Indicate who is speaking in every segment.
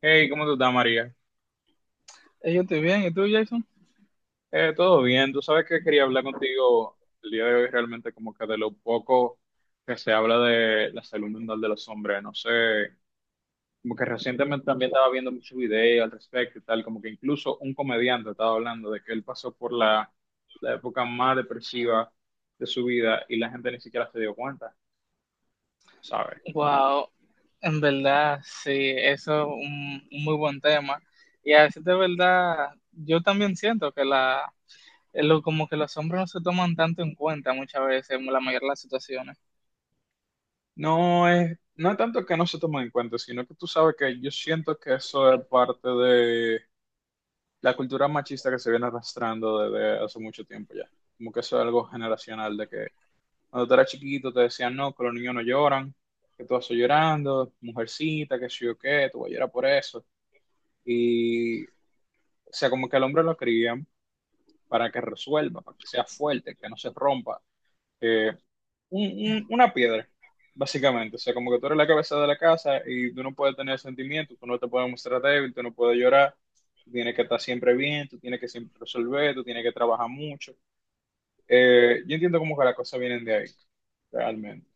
Speaker 1: Hey, ¿cómo tú estás, María?
Speaker 2: Yo estoy bien, ¿y tú, Jason?
Speaker 1: Todo bien. Tú sabes que quería hablar contigo el día de hoy, realmente, como que de lo poco que se habla de la salud mental de los hombres. No sé, como que recientemente también estaba viendo muchos videos al respecto y tal, como que incluso un comediante estaba hablando de que él pasó por la época más depresiva de su vida y la gente ni siquiera se dio cuenta, ¿sabes?
Speaker 2: Wow, en verdad, sí, eso es un muy buen tema. Y a veces de verdad, yo también siento que como que los hombres no se toman tanto en cuenta muchas veces en la mayoría de las situaciones.
Speaker 1: No es tanto que no se tomen en cuenta, sino que tú sabes que yo siento que eso es parte de la cultura machista que se viene arrastrando desde hace mucho tiempo ya. Como que eso es algo generacional, de que cuando tú eras chiquito te decían, no, que los niños no lloran, que tú vas llorando, mujercita, que sí o qué, tú vas a llorar por eso. Y, o sea, como que al hombre lo crían para que resuelva, para que sea fuerte, que no se rompa, eh, un- una piedra, básicamente. O sea, como que tú eres la cabeza de la casa y tú no puedes tener sentimientos, tú no te puedes mostrar débil, tú no puedes llorar, tú tienes que estar siempre bien, tú tienes que siempre resolver, tú tienes que trabajar mucho. Yo entiendo como que las cosas vienen de ahí, realmente.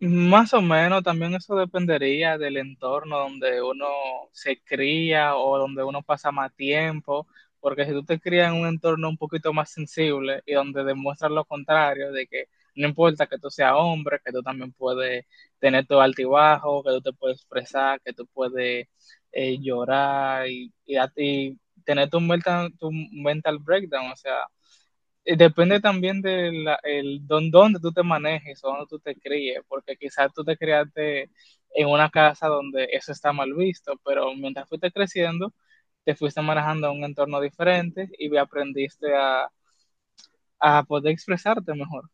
Speaker 2: Más o menos, también eso dependería del entorno donde uno se cría o donde uno pasa más tiempo, porque si tú te crías en un entorno un poquito más sensible y donde demuestras lo contrario, de que no importa que tú seas hombre, que tú también puedes tener tu altibajo, que tú te puedes expresar, que tú puedes llorar a ti tener tu mental breakdown, o sea, depende también de dónde tú te manejes o dónde tú te críes, porque quizás tú te criaste en una casa donde eso está mal visto, pero mientras fuiste creciendo, te fuiste manejando en un entorno diferente y aprendiste a poder expresarte mejor.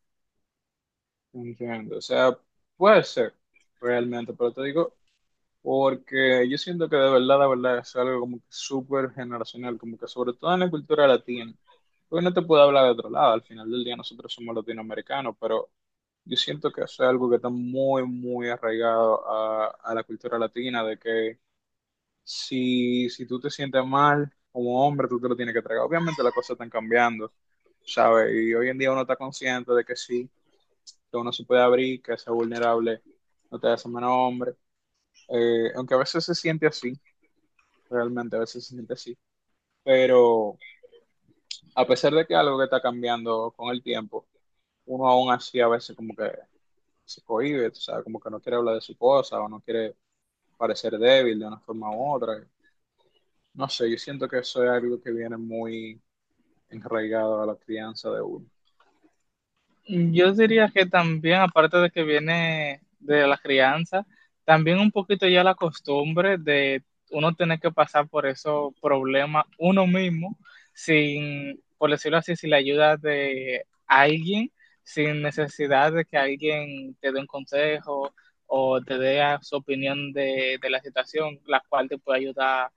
Speaker 1: Entiendo. O sea, puede ser, realmente, pero te digo, porque yo siento que de verdad, es algo como que súper generacional, como que sobre todo en la cultura latina. Porque no te puedo hablar de otro lado, al final del día nosotros somos latinoamericanos, pero yo siento que eso es algo que está muy, muy arraigado a la cultura latina, de que si tú te sientes mal como hombre, tú te lo tienes que tragar. Obviamente las cosas están cambiando, ¿sabes? Y hoy en día uno está consciente de que sí, que uno se puede abrir, que ser vulnerable no te hace menos hombre. Aunque a veces se siente así, realmente a veces se siente así. Pero a pesar de que algo que está cambiando con el tiempo, uno aún así a veces como que se cohíbe, o sea, como que no quiere hablar de su cosa o no quiere parecer débil de una forma u otra. No sé, yo siento que eso es algo que viene muy enraigado a la crianza de uno.
Speaker 2: Yo diría que también, aparte de que viene de la crianza, también un poquito ya la costumbre de uno tener que pasar por esos problemas uno mismo, sin, por decirlo así, sin la ayuda de alguien, sin necesidad de que alguien te dé un consejo o te dé su opinión de la situación, la cual te puede ayudar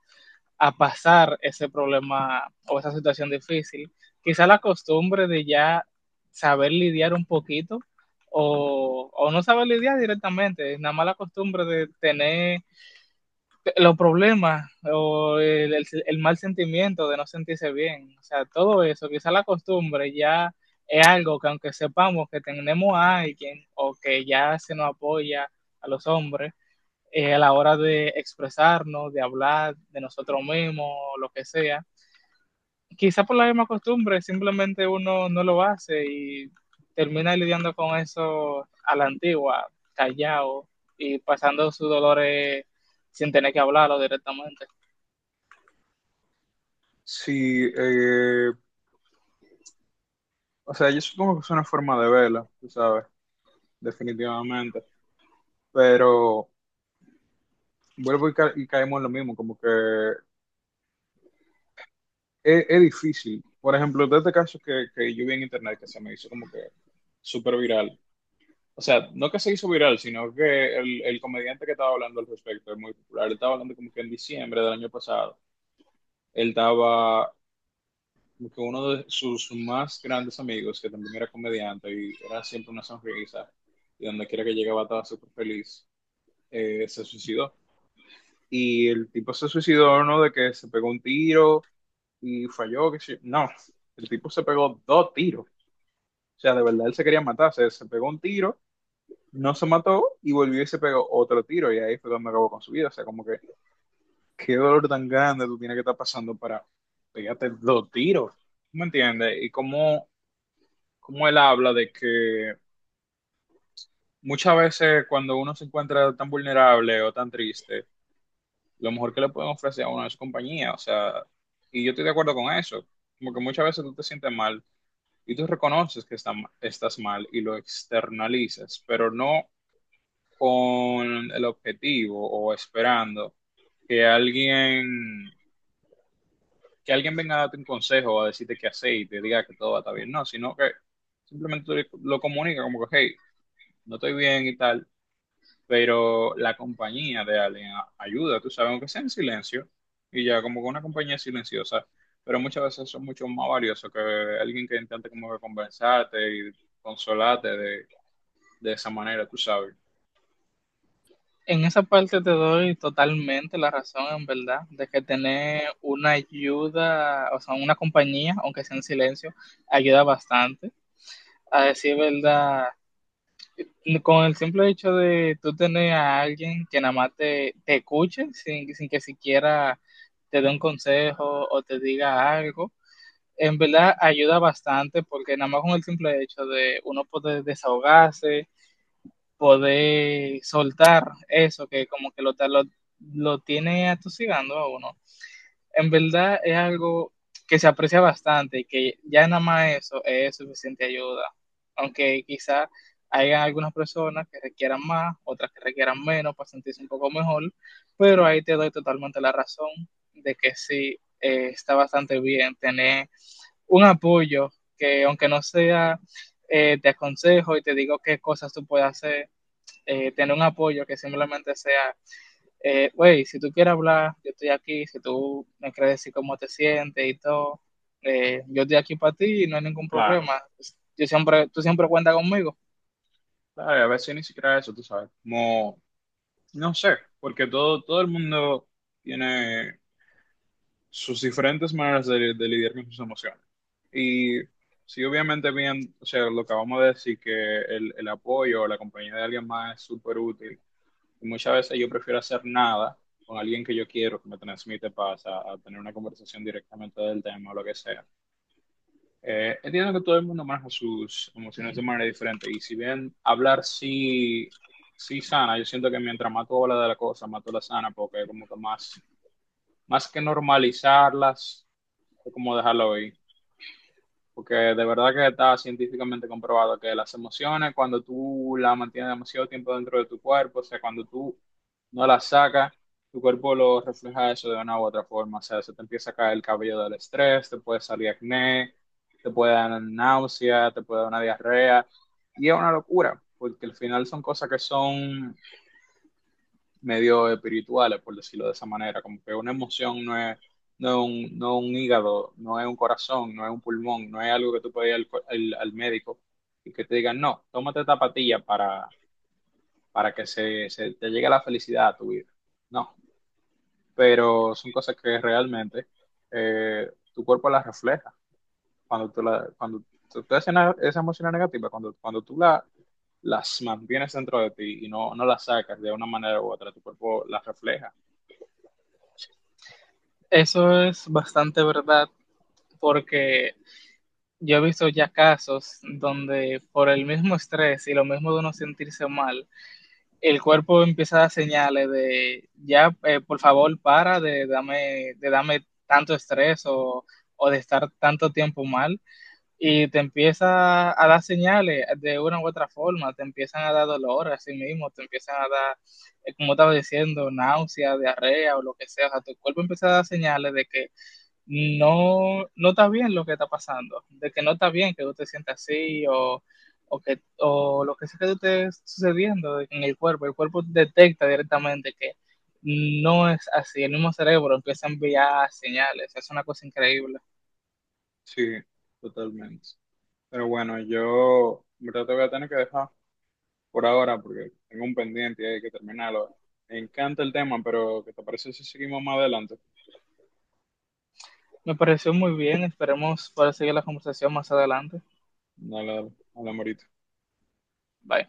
Speaker 2: a pasar ese problema o esa situación difícil. Quizá la costumbre de ya saber lidiar un poquito o no saber lidiar directamente, es nada más la costumbre de tener los problemas o el mal sentimiento de no sentirse bien. O sea, todo eso, quizá la costumbre ya es algo que aunque sepamos que tenemos a alguien o que ya se nos apoya a los hombres, a la hora de expresarnos, de hablar de nosotros mismos, lo que sea. Quizá por la misma costumbre, simplemente uno no lo hace y termina lidiando con eso a la antigua, callado y pasando sus dolores sin tener que hablarlo directamente.
Speaker 1: Sí, o sea, yo supongo que es una forma de verla, tú sabes, definitivamente, pero vuelvo y caemos en lo mismo, como que es difícil. Por ejemplo, de este caso que yo vi en internet que se me hizo como que súper viral. O sea, no que se hizo viral, sino que el comediante que estaba hablando al respecto es muy popular. Él estaba hablando como que en diciembre del año pasado él estaba como que uno de sus más grandes amigos, que también era comediante y era siempre una sonrisa, y donde quiera que llegaba estaba súper feliz, se suicidó. Y el tipo se suicidó, ¿no? De que se pegó un tiro y falló, que no, el tipo se pegó dos tiros. O sea, de verdad él se quería matar, se pegó un tiro, no se mató y volvió y se pegó otro tiro y ahí fue donde acabó con su vida. O sea, como que qué dolor tan grande tú tienes que estar pasando para pegarte dos tiros. ¿Me entiendes? Y cómo como él habla de que muchas veces cuando uno se encuentra tan vulnerable o tan triste, lo mejor que le pueden ofrecer a uno es compañía, o sea, y yo estoy de acuerdo con eso, como que muchas veces tú te sientes mal y tú reconoces que estás mal y lo externalizas, pero no con el objetivo o esperando que alguien, que alguien venga a darte un consejo o a decirte qué hacer y te diga que todo va a estar bien, no, sino que simplemente tú lo comunicas como que, hey, no estoy bien y tal, pero la compañía de alguien ayuda, tú sabes, aunque sea en silencio, y ya como que una compañía silenciosa, pero muchas veces son mucho más valiosos que alguien que intente como que conversarte y consolarte de esa manera, tú sabes.
Speaker 2: En esa parte te doy totalmente la razón, en verdad, de que tener una ayuda, o sea, una compañía, aunque sea en silencio, ayuda bastante. A decir verdad, con el simple hecho de tú tener a alguien que nada más te escuche sin que siquiera te dé un consejo o te diga algo, en verdad ayuda bastante porque nada más con el simple hecho de uno poder desahogarse, poder soltar eso que como que lo tiene atosigando a uno, en verdad es algo que se aprecia bastante y que ya nada más eso es suficiente ayuda, aunque quizá hayan algunas personas que requieran más, otras que requieran menos para sentirse un poco mejor, pero ahí te doy totalmente la razón de que sí, está bastante bien tener un apoyo que aunque no sea te aconsejo y te digo qué cosas tú puedes hacer, tener un apoyo que simplemente sea güey, si tú quieres hablar, yo estoy aquí, si tú me quieres decir cómo te sientes y todo, yo estoy aquí para ti y no hay ningún
Speaker 1: Claro,
Speaker 2: problema. Yo siempre, tú siempre cuentas conmigo.
Speaker 1: claro, a veces ni siquiera eso, tú sabes, como, no sé, porque todo el mundo tiene sus diferentes maneras de lidiar con sus emociones. Y sí, obviamente bien, o sea, lo que acabamos de decir, que el apoyo o la compañía de alguien más es súper útil. Y muchas veces yo prefiero hacer nada con alguien que yo quiero, que me transmite paz, a tener una conversación directamente del tema o lo que sea. Entiendo que todo el mundo maneja sus emociones de manera diferente. Y si bien hablar sí, sí sana, yo siento que mientras más tú hablas de la cosa, más tú la sana, porque como que más, más que normalizarlas es como dejarlo ahí. Porque de verdad que está científicamente comprobado que las emociones, cuando tú las mantienes demasiado tiempo dentro de tu cuerpo, o sea, cuando tú no las sacas, tu cuerpo lo refleja eso de una u otra forma. O sea, se te empieza a caer el cabello del estrés, te puede salir acné, te puede dar náusea, te puede dar una diarrea. Y es una locura, porque al final son cosas que son medio espirituales, por decirlo de esa manera, como que una emoción no es, no es un hígado, no es un corazón, no es un pulmón, no es algo que tú puedes ir al médico y que te digan, no, tómate esta pastilla para que se te llegue la felicidad a tu vida. No, pero son cosas que realmente tu cuerpo las refleja. Cuando tú, la, cuando tú haces esa emoción negativa, cuando, cuando tú la, las mantienes dentro de ti y no, no las sacas de una manera u otra, tu cuerpo las refleja.
Speaker 2: Eso es bastante verdad porque yo he visto ya casos donde por el mismo estrés y lo mismo de uno sentirse mal, el cuerpo empieza a dar señales de ya, por favor, para de darme, de dame tanto estrés o de estar tanto tiempo mal y te empieza a dar señales de una u otra forma, te empiezan a dar dolor a sí mismo, te empiezan a dar, como estaba diciendo, náusea, diarrea o lo que sea. O sea, tu cuerpo empieza a dar señales de que no, no está bien lo que está pasando, de que no está bien que tú te sientas así o, que, o lo que sea que te esté sucediendo en el cuerpo detecta directamente que no es así, el mismo cerebro empieza a enviar señales, es una cosa increíble.
Speaker 1: Sí, totalmente. Pero bueno, yo en verdad te voy a tener que dejar por ahora porque tengo un pendiente y hay que terminarlo. Me encanta el tema, pero ¿qué te parece si seguimos más adelante?
Speaker 2: Me pareció muy bien. Esperemos para seguir la conversación más adelante.
Speaker 1: Dale, dale, hablamos ahorita.
Speaker 2: Bye.